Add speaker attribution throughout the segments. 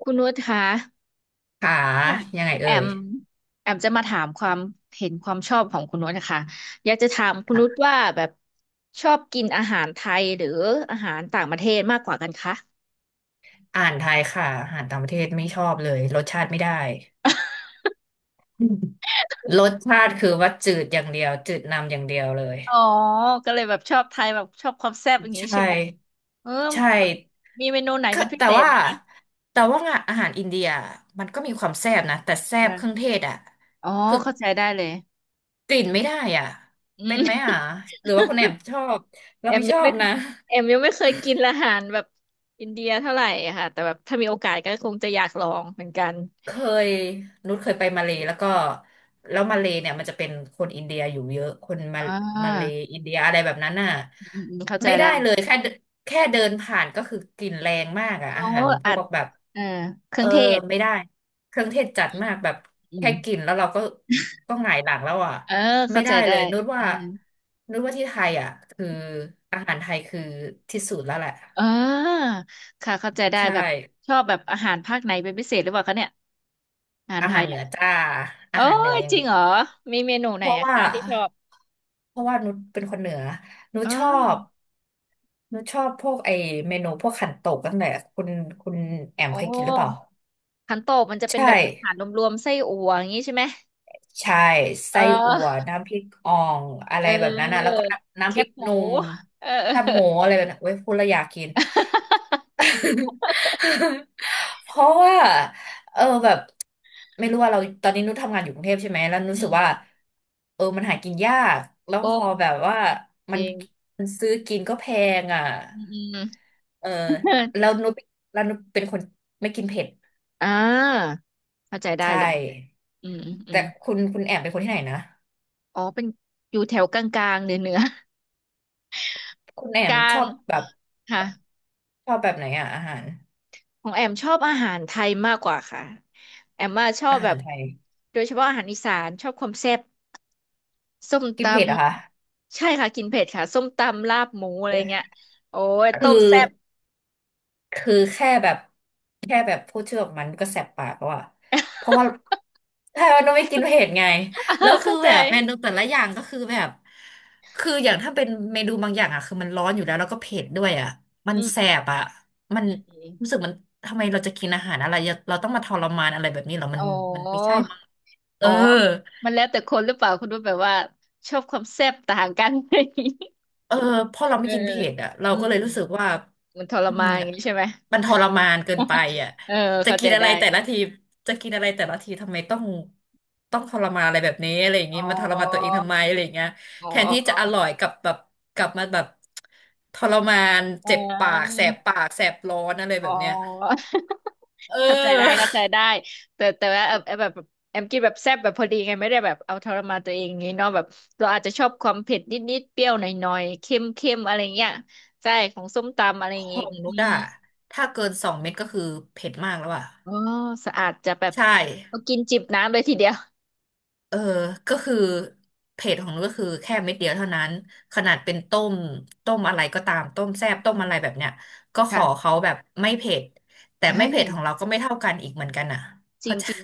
Speaker 1: คุณนุชคะ
Speaker 2: ขา
Speaker 1: ค่ะ
Speaker 2: ยังไง
Speaker 1: แอ
Speaker 2: เอ่ย
Speaker 1: มจะมาถามความเห็นความชอบของคุณนุชนะคะอยากจะถามคุณนุช
Speaker 2: ค่ะ
Speaker 1: ว่าแบบชอบกินอาหารไทยหรืออาหารต่างประเทศมากกว่ากันคะ
Speaker 2: อ่านไทยค่ะอาหารต่างประเทศไม่ชอบเลยรสชาติไม่ได้ รสชาติคือว่าจืดอย่างเดียวจืดนำอย่างเดียวเลย
Speaker 1: อ๋อก็เลยแบบชอบไทยแบบชอบความแซ่บอย่างนี้
Speaker 2: ใช่
Speaker 1: ใช่ไหมเออ
Speaker 2: ใช่
Speaker 1: มีเมนูไหน
Speaker 2: ก็
Speaker 1: เป็นพิ
Speaker 2: แต่
Speaker 1: เศษ
Speaker 2: ว่า
Speaker 1: ไหมคะ
Speaker 2: แต่ว่าอาหารอินเดียมันก็มีความแซ่บนะแต่แซ่บเครื่อ
Speaker 1: อ่า
Speaker 2: งเทศอ่ะ
Speaker 1: อ๋อ
Speaker 2: คือ
Speaker 1: เข้าใจได้เลย
Speaker 2: กลิ่น
Speaker 1: อืม
Speaker 2: ไม่ได้อ่ะ
Speaker 1: อื
Speaker 2: เป็
Speaker 1: ม
Speaker 2: นไหมอ่ะหรือว่าคุณแอม ชอบเรา
Speaker 1: แอม
Speaker 2: ไม่ช
Speaker 1: ยัง
Speaker 2: อบ
Speaker 1: ไม่
Speaker 2: นะ
Speaker 1: เคยกินอาหารแบบอินเดียเท่าไหร่อะค่ะแต่แบบถ้ามีโอกาสก็คงจะอยากลองเหมือนกัน
Speaker 2: เคยนุชเคยไปมาเลย์แล้วก็แล้วมาเลย์เนี่ยมันจะเป็นคนอินเดียอยู่เยอะคนมา
Speaker 1: อ่
Speaker 2: มาเล
Speaker 1: า
Speaker 2: ย์อินเดียอะไรแบบนั้นน่ะ
Speaker 1: อืมอืมเข้าใจ
Speaker 2: ไม่
Speaker 1: ได้
Speaker 2: ได้เลยแค่เดินผ่านก็คือกลิ่นแรงมากอ่ะ
Speaker 1: เขา
Speaker 2: อาหารพ
Speaker 1: อั
Speaker 2: ว
Speaker 1: ด
Speaker 2: กแบบ
Speaker 1: เออเค
Speaker 2: เอ
Speaker 1: รื่อ
Speaker 2: อ
Speaker 1: งเทศ
Speaker 2: ไม่ได้เครื่องเทศจัด
Speaker 1: อืม
Speaker 2: มากแบบ
Speaker 1: อื
Speaker 2: แค่
Speaker 1: ม
Speaker 2: กลิ่นแล้วเราก็ก็หงายหลังแล้วอ่ะ
Speaker 1: เออ
Speaker 2: ไม่
Speaker 1: เข้าใจ
Speaker 2: ได้
Speaker 1: ได้
Speaker 2: เลยนุช
Speaker 1: เอ
Speaker 2: ว่า
Speaker 1: อ
Speaker 2: นุชว่าที่ไทยอ่ะคืออาหารไทยคือที่สุดแล้วแหละ
Speaker 1: เออค่ะเข้าใจได้
Speaker 2: ใช่
Speaker 1: แบบชอบแบบอาหารภาคไหนเป็นพิเศษหรือเปล่าคะเนี่ยอาหาร
Speaker 2: อา
Speaker 1: ไท
Speaker 2: หาร
Speaker 1: ย
Speaker 2: เหนื
Speaker 1: อ่ะ
Speaker 2: อจ้า
Speaker 1: โอ้
Speaker 2: อาหารเหนือ
Speaker 1: ย
Speaker 2: อย่าง
Speaker 1: จริง
Speaker 2: เดีย
Speaker 1: เหรอ
Speaker 2: ว
Speaker 1: มีเมนูไห
Speaker 2: เพ
Speaker 1: น
Speaker 2: ราะ
Speaker 1: อะ
Speaker 2: ว่า
Speaker 1: คะที่ชอบ
Speaker 2: เพราะว่านุชเป็นคนเหนือนุ
Speaker 1: เ
Speaker 2: ชชอ
Speaker 1: ออ
Speaker 2: บ นุชชอบพวกไอเมนูพวกขันโตกตั้งแต่คุณคุณแอม
Speaker 1: โอ
Speaker 2: เคยกินหรือเปล่า
Speaker 1: ้ขันโตกมันจะเป็น
Speaker 2: ใช่
Speaker 1: แบบอาหารรวมๆไส้อั่วอย่างนี้ใช่ไหม
Speaker 2: ใช่
Speaker 1: เอ
Speaker 2: ไส้อั่ว
Speaker 1: อ
Speaker 2: น้ำพริกอ่องอะ
Speaker 1: เ
Speaker 2: ไรแบบนั้นนะ แล้ว
Speaker 1: ออ
Speaker 2: ก็น้ำ
Speaker 1: แค
Speaker 2: น้ำพริ
Speaker 1: บ
Speaker 2: ก
Speaker 1: ห
Speaker 2: ห
Speaker 1: มู
Speaker 2: นุ่ม
Speaker 1: เออ
Speaker 2: แคบหมูอะไรแบบนั้นเว้ยพูดแล้วอยากกิน เพราะว่าเออแบบไม่รู้ว่าเราตอนนี้นุชทำงานอยู่กรุงเทพใช่ไหมแล้วนุช
Speaker 1: อื
Speaker 2: รู้สึกว่า
Speaker 1: ม
Speaker 2: เออมันหากินยากแล้ว
Speaker 1: โอ
Speaker 2: พอ
Speaker 1: ม
Speaker 2: แบบว่า
Speaker 1: จ
Speaker 2: มัน
Speaker 1: ริง
Speaker 2: มันซื้อกินก็แพงอ่ะ
Speaker 1: อืม อม
Speaker 2: เออ
Speaker 1: เออ
Speaker 2: แล้วนุชแล้วนุชเป็นคนไม่กินเผ็ด
Speaker 1: อ่า เข้าใจได้
Speaker 2: ใช่
Speaker 1: เลยอืมอืมอื
Speaker 2: แต่
Speaker 1: ม
Speaker 2: คุณแอมเป็นคนที่ไหนนะ
Speaker 1: อ๋อ เป็นอยู่แถวกลางๆเหนือ เหนือ
Speaker 2: คุณแอ
Speaker 1: ก
Speaker 2: ม
Speaker 1: ลา
Speaker 2: ชอ
Speaker 1: ง
Speaker 2: บแบบ
Speaker 1: ค่ะ
Speaker 2: ชอบแบบไหนอ่ะอาหาร
Speaker 1: ของแอมชอบอาหารไทยมากกว่าค่ะ แอมมาชอบ
Speaker 2: อา
Speaker 1: แบ
Speaker 2: หา
Speaker 1: บ
Speaker 2: รไทย
Speaker 1: โดยเฉพาะอาหารอีสานชอบความแซ่บส้มต
Speaker 2: กินเผ็ดเหรอะคะ
Speaker 1: ำใช่ค่ะกินเผ็ดค่ะส้มตำลาบหมูอะไร
Speaker 2: เว้ย
Speaker 1: เงี้ยโอ้ยต้
Speaker 2: คื
Speaker 1: ม
Speaker 2: อ
Speaker 1: แซ่บ
Speaker 2: คือแค่แบบแค่แบบพูดชื่อออกมันก็แสบปากแล้วอะเพราะว่าใช่มันองไม่กินเผ็ดไงแล้ว คือ
Speaker 1: เข้าใจ
Speaker 2: แบบเมนูแต่ละอย่างก็คือแบบคืออย่างถ้าเป็นเมนูบางอย่างอะคือมันร้อนอยู่แล้วแล้วก็เผ็ดด้วยอะมัน
Speaker 1: อืม
Speaker 2: แสบอะมัน
Speaker 1: อื
Speaker 2: รู้
Speaker 1: ม
Speaker 2: สึกมันทำไมเราจะกินอาหารอะไรเราต้องมาทรมานอะไรแบบนี้เหรอมั
Speaker 1: อ๋
Speaker 2: นมันไม่
Speaker 1: อ
Speaker 2: ใช่มั้งเอ
Speaker 1: อ๋อ
Speaker 2: อ
Speaker 1: มันแล้วแต่คนหรือเปล่าคุณว่าแบบว่าชอบความแซ่บต่างกัน
Speaker 2: เออพอเรา
Speaker 1: เอ
Speaker 2: ไม่
Speaker 1: อ
Speaker 2: กิน
Speaker 1: เออ
Speaker 2: เผ็ดอ่ะเรา
Speaker 1: อื
Speaker 2: ก็เลยรู้สึ
Speaker 1: ม
Speaker 2: กว่า
Speaker 1: มันทร
Speaker 2: อื
Speaker 1: มา
Speaker 2: ม
Speaker 1: นอย่างนี้ใช่ไหม
Speaker 2: มันทรมานเกินไปอ่ะ
Speaker 1: เออ
Speaker 2: จะ
Speaker 1: เข้าใจ
Speaker 2: กินอะไร
Speaker 1: ได้
Speaker 2: แต่ละทีจะกินอะไรแต่ละทีทำไมต้องต้องทรมานอะไรแบบนี้อะไรอย่าง
Speaker 1: อ๋
Speaker 2: งี้
Speaker 1: อ
Speaker 2: มาทรมานตัวเองทำไมอะไรอย่างเงี้ย
Speaker 1: อ๋
Speaker 2: แทนที่จะอ
Speaker 1: อ
Speaker 2: ร่อยกลับมาแบบทรมาน
Speaker 1: อ๋อ
Speaker 2: เจ็บ
Speaker 1: อ๋อ
Speaker 2: ปากแสบปา กแสบร้อนอะไร
Speaker 1: อ๋
Speaker 2: แบ
Speaker 1: อ
Speaker 2: บเนี้ยเ
Speaker 1: เข้าใจได้
Speaker 2: ออ
Speaker 1: เข้าใจได้แต่ว่าเออเออแบบแอมกินแบบแซ่บแบบพอดีไงไม่ได้แบบเอาทรมานตัวเองงี้เนาะแบบเราอาจจะชอบความเผ็ดนิดๆเปรี้ยวหน่อยๆเค็มเค็มอะไรเงี้ยใช่ของส้มตำอะไรอ
Speaker 2: ข
Speaker 1: ย่าง
Speaker 2: อ
Speaker 1: งี้
Speaker 2: งนุ
Speaker 1: อื
Speaker 2: ช
Speaker 1: ม
Speaker 2: อะถ้าเกินสองเม็ดก็คือเผ็ดมากแล้วอ่ะ
Speaker 1: อ๋อสะอาดจะแบบ
Speaker 2: ใช่
Speaker 1: เอากินจิบน้ำเลยทีเดียว
Speaker 2: เออก็คือเผ็ดของนุ้นก็คือแค่เม็ดเดียวเท่านั้นขนาดเป็นต้มต้มอะไรก็ตามต้มแซ่บต้มอะไรแบบเนี้ยก็ขอ
Speaker 1: ค่ะ
Speaker 2: เขาแบบไม่เผ็ดแต่
Speaker 1: อ่า
Speaker 2: ไม่เผ็ดของเรา ก็ไม่เท่ากันอีกเหมือนกันอ่ะ
Speaker 1: จ
Speaker 2: เพ
Speaker 1: ริง
Speaker 2: ราะจะ
Speaker 1: จริง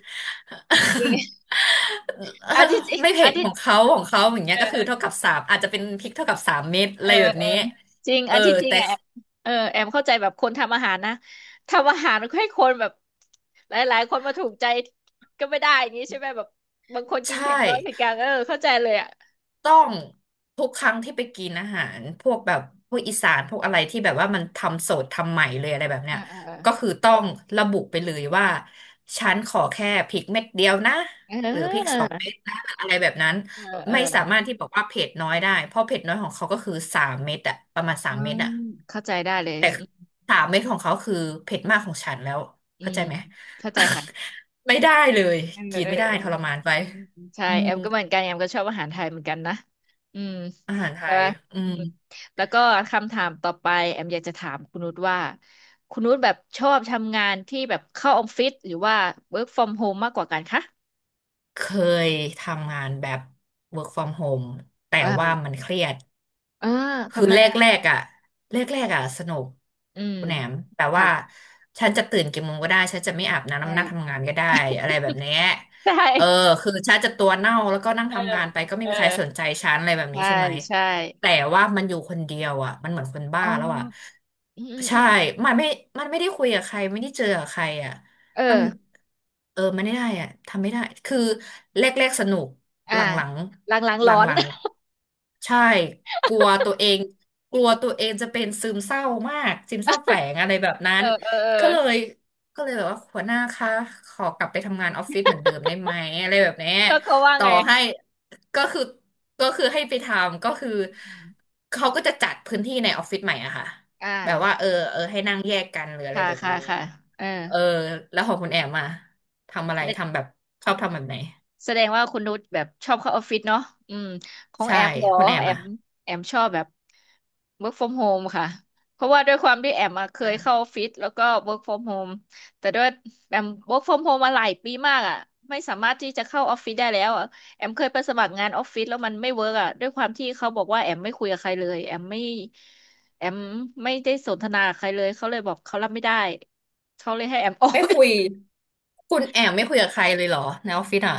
Speaker 1: จริง
Speaker 2: เออ
Speaker 1: อันที่จริง
Speaker 2: ไม่เผ็
Speaker 1: อัน
Speaker 2: ด
Speaker 1: ที่
Speaker 2: ของเขาอย่างเงี้
Speaker 1: เอ
Speaker 2: ยก็คือเท่า
Speaker 1: อ
Speaker 2: กับสามอาจจะเป็นพริกเท่ากับสามเม็ด
Speaker 1: เอ
Speaker 2: อะ
Speaker 1: อ
Speaker 2: ไรแบบ
Speaker 1: เออ
Speaker 2: นี้
Speaker 1: จริง
Speaker 2: เอ
Speaker 1: อั
Speaker 2: อ
Speaker 1: นที่จริง
Speaker 2: แต่
Speaker 1: อ่ะแอมเออแอมเข้าใจแบบคนทำอาหารนะ ทำอาหารให้คนแบบหลายๆคนมาถูกใจก็ไม่ได้อย่างนี้ใช่ไหมแบบบางคนกิน
Speaker 2: ใช่
Speaker 1: เผ็ดน้อยเผ็ดกลางเออเข้าใจเลยอ่ะ
Speaker 2: ต้องทุกครั้งที่ไปกินอาหารพวกแบบพวกอีสานพวกอะไรที่แบบว่ามันทำสดทำใหม่เลยอะไรแบบ
Speaker 1: เอ
Speaker 2: เนี้ย
Speaker 1: อเอ
Speaker 2: ก็คือต้องระบุไปเลยว่าฉันขอแค่พริกเม็ดเดียวนะหรือพริกสองเม็
Speaker 1: อ
Speaker 2: ดนะหรืออะไรแบบนั้น
Speaker 1: เออเออเออ
Speaker 2: ไม่
Speaker 1: เอ
Speaker 2: สา
Speaker 1: อ
Speaker 2: มารถที่บอกว่าเผ็ดน้อยได้เพราะเผ็ดน้อยของเขาก็คือสามเม็ดอะประมาณสา
Speaker 1: อื
Speaker 2: มเม็ด
Speaker 1: ม
Speaker 2: อะ
Speaker 1: เข้าใจได้เลย
Speaker 2: แต่สามเม็ดของเขาคือเผ็ดมากของฉันแล้ว
Speaker 1: อื
Speaker 2: เข้าใจ
Speaker 1: ม
Speaker 2: ไหม
Speaker 1: เข้าใจค่ะ
Speaker 2: ไม่ได้เลย
Speaker 1: เออ
Speaker 2: กิน
Speaker 1: เออ
Speaker 2: ไม่ได้
Speaker 1: เออ
Speaker 2: ทรมานไป
Speaker 1: อืมใช่
Speaker 2: อื
Speaker 1: แอ
Speaker 2: ม
Speaker 1: มก็เหมือนกันแอมก็ชอบอาหารไทยเหมือนกันนะอืม
Speaker 2: อาหารไท
Speaker 1: ใช่
Speaker 2: ย
Speaker 1: ปะ
Speaker 2: อื
Speaker 1: อื
Speaker 2: ม
Speaker 1: มแล้วก็คำถามต่อไปแอมอยากจะถามคุณนุชว่าคุณนุชแบบชอบทำงานที่แบบเข้าออฟฟิศหรือว่า work from home มากกว่ากันคะ
Speaker 2: เคยทำงานแบบ work from home แต่ว่า
Speaker 1: อ่า
Speaker 2: มันเครียด
Speaker 1: อ่า
Speaker 2: คือ
Speaker 1: ทำไม
Speaker 2: แรก
Speaker 1: อ่ะ
Speaker 2: แรกอ่ะแรกอ่ะสนุก
Speaker 1: อืม
Speaker 2: คุณแหนมแต่ว่า
Speaker 1: ค่ะ
Speaker 2: ฉันจะตื่นกี่โมงก็ได้ฉันจะไม่อาบน้ำ
Speaker 1: ใช่
Speaker 2: นำนั่งทำงานก็ได้อะไรแบบเนี้ย
Speaker 1: ใช
Speaker 2: เออ
Speaker 1: ่
Speaker 2: คือฉันจะตัวเน่าแล้วก็นั่ง
Speaker 1: เออ
Speaker 2: ทำงานไปก็ไม่
Speaker 1: เออ
Speaker 2: มีใครสนใจฉันอะไรแบบนี้
Speaker 1: ใช่
Speaker 2: ใช่ไหม
Speaker 1: ใช่
Speaker 2: แต่ว่ามันอยู่คนเดียวอ่ะมันเหมือนคนบ้า
Speaker 1: อ๋อ
Speaker 2: แล้วอ่ะ
Speaker 1: อืมอืมอื
Speaker 2: ใช่
Speaker 1: ม
Speaker 2: มันไม่มันไม่ได้คุยกับใครไม่ได้เจอกับใครอ่ะ
Speaker 1: เออ
Speaker 2: มันเออมันไม่ได้อะทำไม่ได้คือแรกๆสนุก
Speaker 1: อ่า
Speaker 2: หลัง
Speaker 1: หลัง
Speaker 2: ๆห
Speaker 1: ๆ
Speaker 2: ล
Speaker 1: ร้อน
Speaker 2: ังๆใช่กลัวตัวเองกลัวตัวเองจะเป็นซึมเศร้ามากซึมเศร้าแฝงอะไรแบบนั้
Speaker 1: เอ
Speaker 2: น
Speaker 1: อเออเออ
Speaker 2: ก็เลยก็เลยแบบว่าหัวหน้าคะขอกลับไปทำงานออฟฟิศเหมือนเดิมได้ไหมอะไรแบบเนี้ย
Speaker 1: แล้วเขาว่า
Speaker 2: ต่อ
Speaker 1: ไง
Speaker 2: ให้ก็คือให้ไปทำก็คือ
Speaker 1: อม
Speaker 2: เขาก็จะจัดพื้นที่ในออฟฟิศใหม่อะค่ะ
Speaker 1: อ่า
Speaker 2: แบบว่าเออให้นั่งแยกกันหรืออะไร
Speaker 1: ค่ะ
Speaker 2: แบบ
Speaker 1: ค่ะ
Speaker 2: นี้
Speaker 1: ค่ะเออ
Speaker 2: เออแล้วของคุณแอมมาทำอะไร
Speaker 1: แสดง
Speaker 2: ทำแบบชอบทำแบบไหน
Speaker 1: ว่าคุณนุชแบบชอบเข้าออฟฟิศเนาะอืมของ
Speaker 2: ใช่
Speaker 1: แอมเหรอ
Speaker 2: คุณแอม
Speaker 1: แอม
Speaker 2: อ่ะ
Speaker 1: ชอบแบบ work from home ค่ะเพราะว่าด้วยความที่แอมอะเคยเข้า
Speaker 2: อ่ะ
Speaker 1: ออฟฟิศแล้วก็ work from home แต่ด้วยแอม work from home มาหลายปีมากอ่ะไม่สามารถที่จะเข้าออฟฟิศได้แล้วอะแอมเคยไปสมัครงานออฟฟิศแล้วมันไม่เวิร์กอ่ะด้วยความที่เขาบอกว่าแอมไม่คุยกับใครเลยแอมไม่แอมไม่ได้สนทนากับใครเลยเขาเลยบอกเขารับไม่ได้เขาเลยให้แอมออก
Speaker 2: ไม่คุยคุณแอมไม่คุยกับใครเลยเหรอในออฟฟิศอ่ะ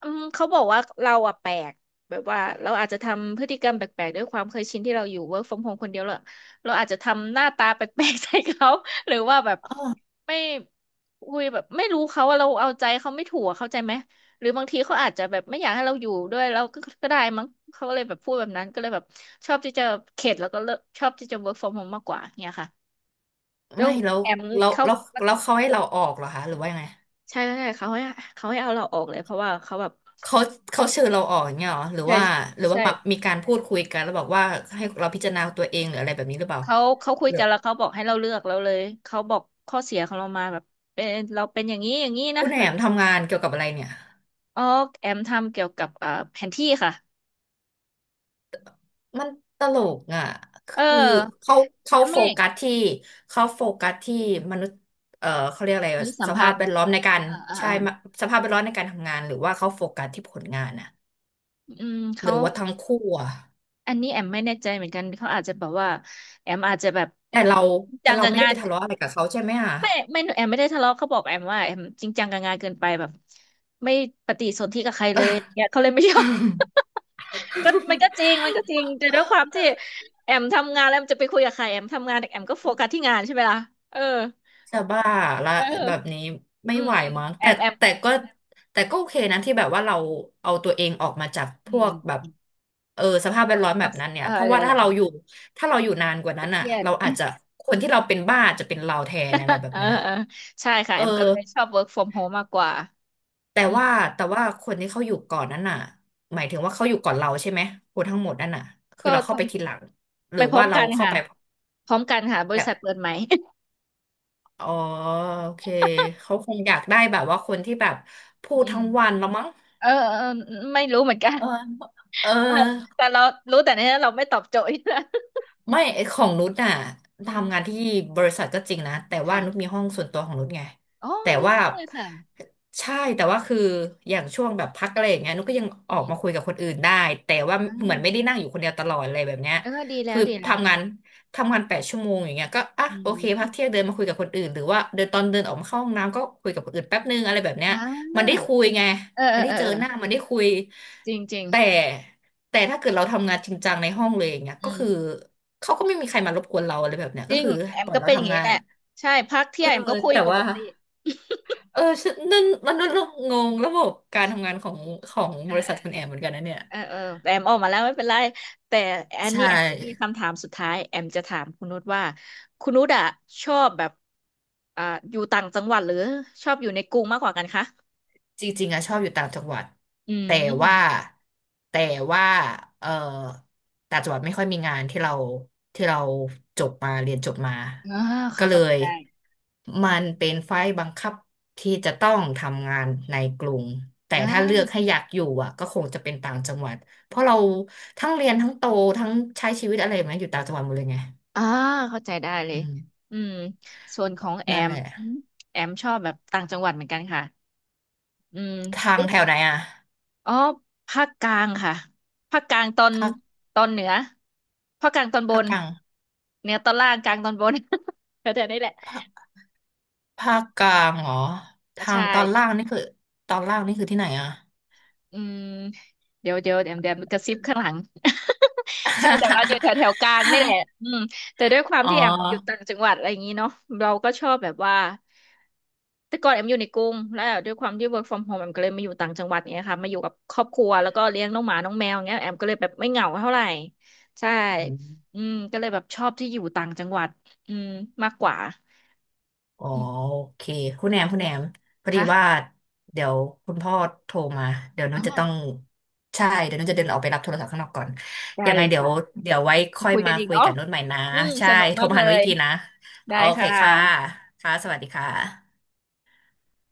Speaker 1: อืมเขาบอกว่าเราอะแปลกแบบว่าเราอาจจะทำพฤติกรรมแปลกๆด้วยความเคยชินที่เราอยู่ work from home คนเดียวเราอาจจะทำหน้าตาแปลกๆ ใส่เขา หรือว่าแบบไม่คุยแบบไม่รู้เขาว่าเราเอาใจเขาไม่ถูกอะเข้าใจไหมหรือบางทีเขาอาจจะแบบไม่อยากให้เราอยู่ด้วยแล้วก็ก็ได้มั้งเขาก็เลยแบบพูดแบบนั้นก็เลยแบบชอบที่จะเข็ดแล้วก็เลิกชอบที่จะ work from home มากกว่าเนี่ยค่ะแล้ว
Speaker 2: ไม่แล้ว
Speaker 1: แอม
Speaker 2: แล้ว
Speaker 1: เขา
Speaker 2: แล้วแล้วเขาให้เราออกเหรอคะหรือว่ายังไง
Speaker 1: ใช่ใช่เขาให้เอาเราออกเลยเพราะว่าเขาแบบ
Speaker 2: เขาเขาเชิญเราออกอย่างเงี้ยเหรอหรือ
Speaker 1: ใช่
Speaker 2: ว่าหรือว่า
Speaker 1: ใช่
Speaker 2: มามีการพูดคุยกันแล้วบอกว่าให้เราพิจารณาตัวเองหรืออะไรแบบนี้หรือเปล่า
Speaker 1: เขาคุย
Speaker 2: หรือ
Speaker 1: กันแล้วเขาบอกให้เราเลือกเราเลยเขาบอกข้อเสียของเรามาแบบเป็นเราเป็นอย่างนี้อย่างนี้นะ
Speaker 2: คุณแอ
Speaker 1: แบบ
Speaker 2: มทำงานเกี่ยวกับอะไรเนี่ย
Speaker 1: อ๋อแอมทำเกี่ยวกับอ่าแผนที่ค่ะ
Speaker 2: มันตลกอ่ะค
Speaker 1: เออ
Speaker 2: ือเขาเขาโฟ
Speaker 1: ไม่
Speaker 2: กัสที่เขาโฟกัสที่มนุษย์เขาเรียกอะไร
Speaker 1: หรือสัม
Speaker 2: ส
Speaker 1: พั
Speaker 2: ภาพ
Speaker 1: น
Speaker 2: แว
Speaker 1: ธ์
Speaker 2: ดล้อมในการ
Speaker 1: อ่าอ่า
Speaker 2: ใช่
Speaker 1: อ่า
Speaker 2: มาสภาพแวดล้อมในการทำงานหรือว่าเขาโฟกัสที่ผลงานอ่ะ
Speaker 1: อืม
Speaker 2: ห
Speaker 1: เขา
Speaker 2: รือว่าทั้งคู่อ่ะ
Speaker 1: อันนี้แอมไม่แน่ใจเหมือนกันเขาอาจจะแบบว่าแอมอาจจะแบบ
Speaker 2: แต่เรา
Speaker 1: จริง
Speaker 2: แต่
Speaker 1: จัง
Speaker 2: เรา
Speaker 1: กับ
Speaker 2: ไม่ได้
Speaker 1: งา
Speaker 2: ไป
Speaker 1: น
Speaker 2: ทะเลาะอะไรกับเขาใช่ไหมอ่ะ
Speaker 1: ไม่แอมไม่ได้ทะเลาะเขาบอกแอมว่าแอมจริงจังกับงานเกินไปแบบไม่ปฏิสนธิกับใครเลยเนี่ยเขาเลยไม่ชอบ ก็มันก็จริงมันก็จริงแต่ด้วยความที่ แอมทำงานแล้วแอมจะไปคุยกับใครแอมทำงานแอมก็โฟกัสที่งานใช่ไหมล่ะเออ
Speaker 2: จะบ้าละ
Speaker 1: เ
Speaker 2: แบบ
Speaker 1: ออ
Speaker 2: นี้ไม่
Speaker 1: อืม
Speaker 2: ไหว
Speaker 1: อืม
Speaker 2: มั้ง
Speaker 1: แอ
Speaker 2: แต่
Speaker 1: มแอม
Speaker 2: แต่ก็แต่ก็โอเคนะที่แบบว่าเราเอาตัวเองออกมาจากพ
Speaker 1: อื
Speaker 2: วกแบ
Speaker 1: ม
Speaker 2: บเออสภาพแวดล้อม
Speaker 1: ท
Speaker 2: แบ
Speaker 1: อก
Speaker 2: บนั้นเนี่
Speaker 1: เอ
Speaker 2: ย
Speaker 1: อ
Speaker 2: เพราะ
Speaker 1: เดี๋
Speaker 2: ว่า
Speaker 1: ยว
Speaker 2: ถ้าเราอยู่ถ้าเราอยู่นานกว่านั้น
Speaker 1: เค
Speaker 2: อ่ะ
Speaker 1: รียด
Speaker 2: เราอาจจะคนที่เราเป็นบ้าจะเป็นเราแทนอะไรแบ บ
Speaker 1: เออ
Speaker 2: เนี้ย
Speaker 1: เออใช่ค่ะ
Speaker 2: เอ
Speaker 1: แอมก็เลยช
Speaker 2: อ
Speaker 1: อบ work from home มากกว่า
Speaker 2: แต่
Speaker 1: อืม
Speaker 2: ว่าแต่ว่าคนที่เขาอยู่ก่อนนั้นน่ะหมายถึงว่าเขาอยู่ก่อนเราใช่ไหมคนทั้งหมดนั่นน่ะคือ
Speaker 1: ก็
Speaker 2: เรา
Speaker 1: ท
Speaker 2: เข้าไปทีหลัง
Speaker 1: ำ
Speaker 2: หรื
Speaker 1: ไป
Speaker 2: อ
Speaker 1: พร้อ
Speaker 2: ว่า
Speaker 1: ม
Speaker 2: เรา
Speaker 1: กัน
Speaker 2: เข้า
Speaker 1: ค่ะ
Speaker 2: ไป
Speaker 1: พร้อมกันค่ะบริษัทเปิดไหม
Speaker 2: อ๋อโอเคเขาคงอยากได้แบบว่าคนที่แบบพู ด
Speaker 1: อืม
Speaker 2: ทั้งวันแล้วมั้ง
Speaker 1: เออเออไม่รู้เหมือนกัน
Speaker 2: เออเอ
Speaker 1: อ่ะ
Speaker 2: อ
Speaker 1: แต่เรารู้แต่เนี้ยเราไม่ตอบโจทย์นะ
Speaker 2: ไม่ไอ้ของนุชน่ะ
Speaker 1: อื
Speaker 2: ทำงาน
Speaker 1: ม
Speaker 2: ที่บริษัทก็จริงนะแต่ว่า
Speaker 1: ค่ะ
Speaker 2: นุชมีห้องส่วนตัวของนุชไง
Speaker 1: โอ้
Speaker 2: แต่
Speaker 1: ดี
Speaker 2: ว่า
Speaker 1: มากเลยค่ะ
Speaker 2: ใช่แต่ว่าคืออย่างช่วงแบบพักอะไรอย่างเงี้ยนุชก็ยังอ
Speaker 1: อื
Speaker 2: อก
Speaker 1: ม
Speaker 2: มาคุยกับคนอื่นได้แต่ว่า
Speaker 1: อ่า
Speaker 2: เหมือนไม่ได้นั่งอยู่คนเดียวตลอดอะไรแบบเนี้ย
Speaker 1: เออดีแล้
Speaker 2: คื
Speaker 1: ว
Speaker 2: อ
Speaker 1: ดีแล้ว
Speaker 2: ทำงานทำงาน8 ชั่วโมงอย่างเงี้ยก็อ่ะ
Speaker 1: อื
Speaker 2: โอเคพัก
Speaker 1: ม
Speaker 2: เที่ยงเดินมาคุยกับคนอื่นหรือว่าเดินตอนเดินออกมาเข้าห้องน้ำก็คุยกับคนอื่นแป๊บนึงอะไรแบบเนี้ย
Speaker 1: อ่
Speaker 2: มันได้
Speaker 1: า
Speaker 2: คุยไง
Speaker 1: เออเอ
Speaker 2: มั
Speaker 1: อ
Speaker 2: นได้
Speaker 1: เออ
Speaker 2: เจอ
Speaker 1: เอ
Speaker 2: หน้า
Speaker 1: อ
Speaker 2: มันได้คุย
Speaker 1: จริงจริง
Speaker 2: แต่แต่ถ้าเกิดเราทำงานจริงจังในห้องเลยอย่างเงี้ย
Speaker 1: อื
Speaker 2: ก็คือ
Speaker 1: ม
Speaker 2: เขาก็ไม่มีใครมารบกวนเราอะไรแบบเนี้ย
Speaker 1: จ
Speaker 2: ก็
Speaker 1: ริง
Speaker 2: คือ
Speaker 1: แอ
Speaker 2: ป
Speaker 1: ม
Speaker 2: ล่อย
Speaker 1: ก็
Speaker 2: เรา
Speaker 1: เป็นอย่าง
Speaker 2: ทำ
Speaker 1: นี้
Speaker 2: งา
Speaker 1: แห
Speaker 2: น
Speaker 1: ละใช่พัก
Speaker 2: เอ
Speaker 1: เที่ย
Speaker 2: อ
Speaker 1: งแอมก็คุย
Speaker 2: แต่
Speaker 1: ปก
Speaker 2: ว่า
Speaker 1: ติ
Speaker 2: เออฉันนั่นมันนั่นงงระบบการทำงานของของบริษัทคุ
Speaker 1: เออ
Speaker 2: ณแอมเหมือนกันนะเนี่ย
Speaker 1: เออเออแต่แอมออกมาแล้วไม่เป็นไรแต่อัน
Speaker 2: ใช
Speaker 1: นี้แอมจะมี
Speaker 2: ่
Speaker 1: คำถามสุดท้ายแอมจะถามคุณนุชว่าคุณนุชอะชอบแบบอ่าอยู่ต่างจังหวัดหรือชอบอยู่ในกรุงมากกว่ากันคะ
Speaker 2: จริงๆอะชอบอยู่ต่างจังหวัด
Speaker 1: อื
Speaker 2: แต่ว่า
Speaker 1: ม
Speaker 2: แต่ว่าเออต่างจังหวัดไม่ค่อยมีงานที่เราที่เราจบมาเรียนจบมา
Speaker 1: อ่า
Speaker 2: ก็
Speaker 1: ค่ะ
Speaker 2: เล
Speaker 1: เข้าใจ
Speaker 2: ย
Speaker 1: ได้
Speaker 2: มันเป็นไฟล์บังคับที่จะต้องทำงานในกรุงแต่
Speaker 1: อ่
Speaker 2: ถ้า
Speaker 1: า
Speaker 2: เลือกให้อยากอยู่อะก็คงจะเป็นต่างจังหวัดเพราะเราทั้งเรียนทั้งโตทั้งใช้ชีวิตอะไรมาอยู่ต่างจังหวัดหมดเลยไง
Speaker 1: อ่าเข้าใจได้เล
Speaker 2: อื
Speaker 1: ย
Speaker 2: ม
Speaker 1: อืมส่วนของแอ
Speaker 2: นั่น
Speaker 1: ม
Speaker 2: แหละ
Speaker 1: แอมชอบแบบต่างจังหวัดเหมือนกันค่ะอืม
Speaker 2: ทาง
Speaker 1: ยุค
Speaker 2: แถวไหนอะ
Speaker 1: อ๋อภาคกลางค่ะภาคกลางตอน
Speaker 2: ภาค
Speaker 1: ตอนเหนือภาคกลางตอนบ
Speaker 2: ภาค
Speaker 1: น
Speaker 2: กลาง
Speaker 1: เหนือตอนล่างกลางตอนบน แถวๆนี้แหละ
Speaker 2: ภาคกลางเหรอทา
Speaker 1: ใช่
Speaker 2: งตอนล่างนี่คือตอนล่างนี่คือที่ไหนอะ
Speaker 1: อืมเดี๋ยวเดี๋ยวเดี๋ยวเดี๋ยวกระซิบข้างหลัง ใช่แต่ว่าอยู่แถวแถวกลางนี่แหละอืมแต่ด้วยควา ม
Speaker 2: อ๋อ
Speaker 1: ที่แอมอยู่ต่างจังหวัดอะไรอย่างนี้เนาะเราก็ชอบแบบว่าแต่ก่อนแอมอยู่ในกรุงแล้วด้วยความที่ work from home แอมก็เลยมาอยู่ต่างจังหวัดเนี่ยค่ะมาอยู่กับครอบครัวแล้วก็เลี้ยงน้องหมาน้องแมวเงี้ยแอมก็เลยแบบไม่เหงาเท่าไหร่ใช่
Speaker 2: อืม
Speaker 1: อืมก็เลยแบบชอบที่อยู่ต่างจังหวัดอืมมากกว่า
Speaker 2: อ๋อ
Speaker 1: อืม
Speaker 2: โอเคคุณแหนมคุณแหนมพอดีว่า
Speaker 1: ค่ะ
Speaker 2: เดี๋ยวคุณพ่อโทรมาเดี๋ยว
Speaker 1: อ๋อ
Speaker 2: นุ์จะต้องใช่เดี๋ยวนุ์จะเดินออกไปรับโทรศัพท์ข้างนอกก่อน
Speaker 1: ได้
Speaker 2: ยัง
Speaker 1: เล
Speaker 2: ไง
Speaker 1: ย
Speaker 2: เดี๋ยว
Speaker 1: ค่ะ
Speaker 2: เดี๋ยวไว้
Speaker 1: มา
Speaker 2: ค่อย
Speaker 1: คุยกั
Speaker 2: มา
Speaker 1: นอีก
Speaker 2: คุย
Speaker 1: เนาะ
Speaker 2: กับนุชใหม่นะ
Speaker 1: อืม
Speaker 2: ใช่
Speaker 1: สนุก
Speaker 2: โทร
Speaker 1: มาก
Speaker 2: มา
Speaker 1: เล
Speaker 2: หานุชอี
Speaker 1: ย
Speaker 2: กทีนะโอ
Speaker 1: ได้
Speaker 2: เค
Speaker 1: ค่ะ
Speaker 2: ค่ะค่ะสวัสดีค่ะ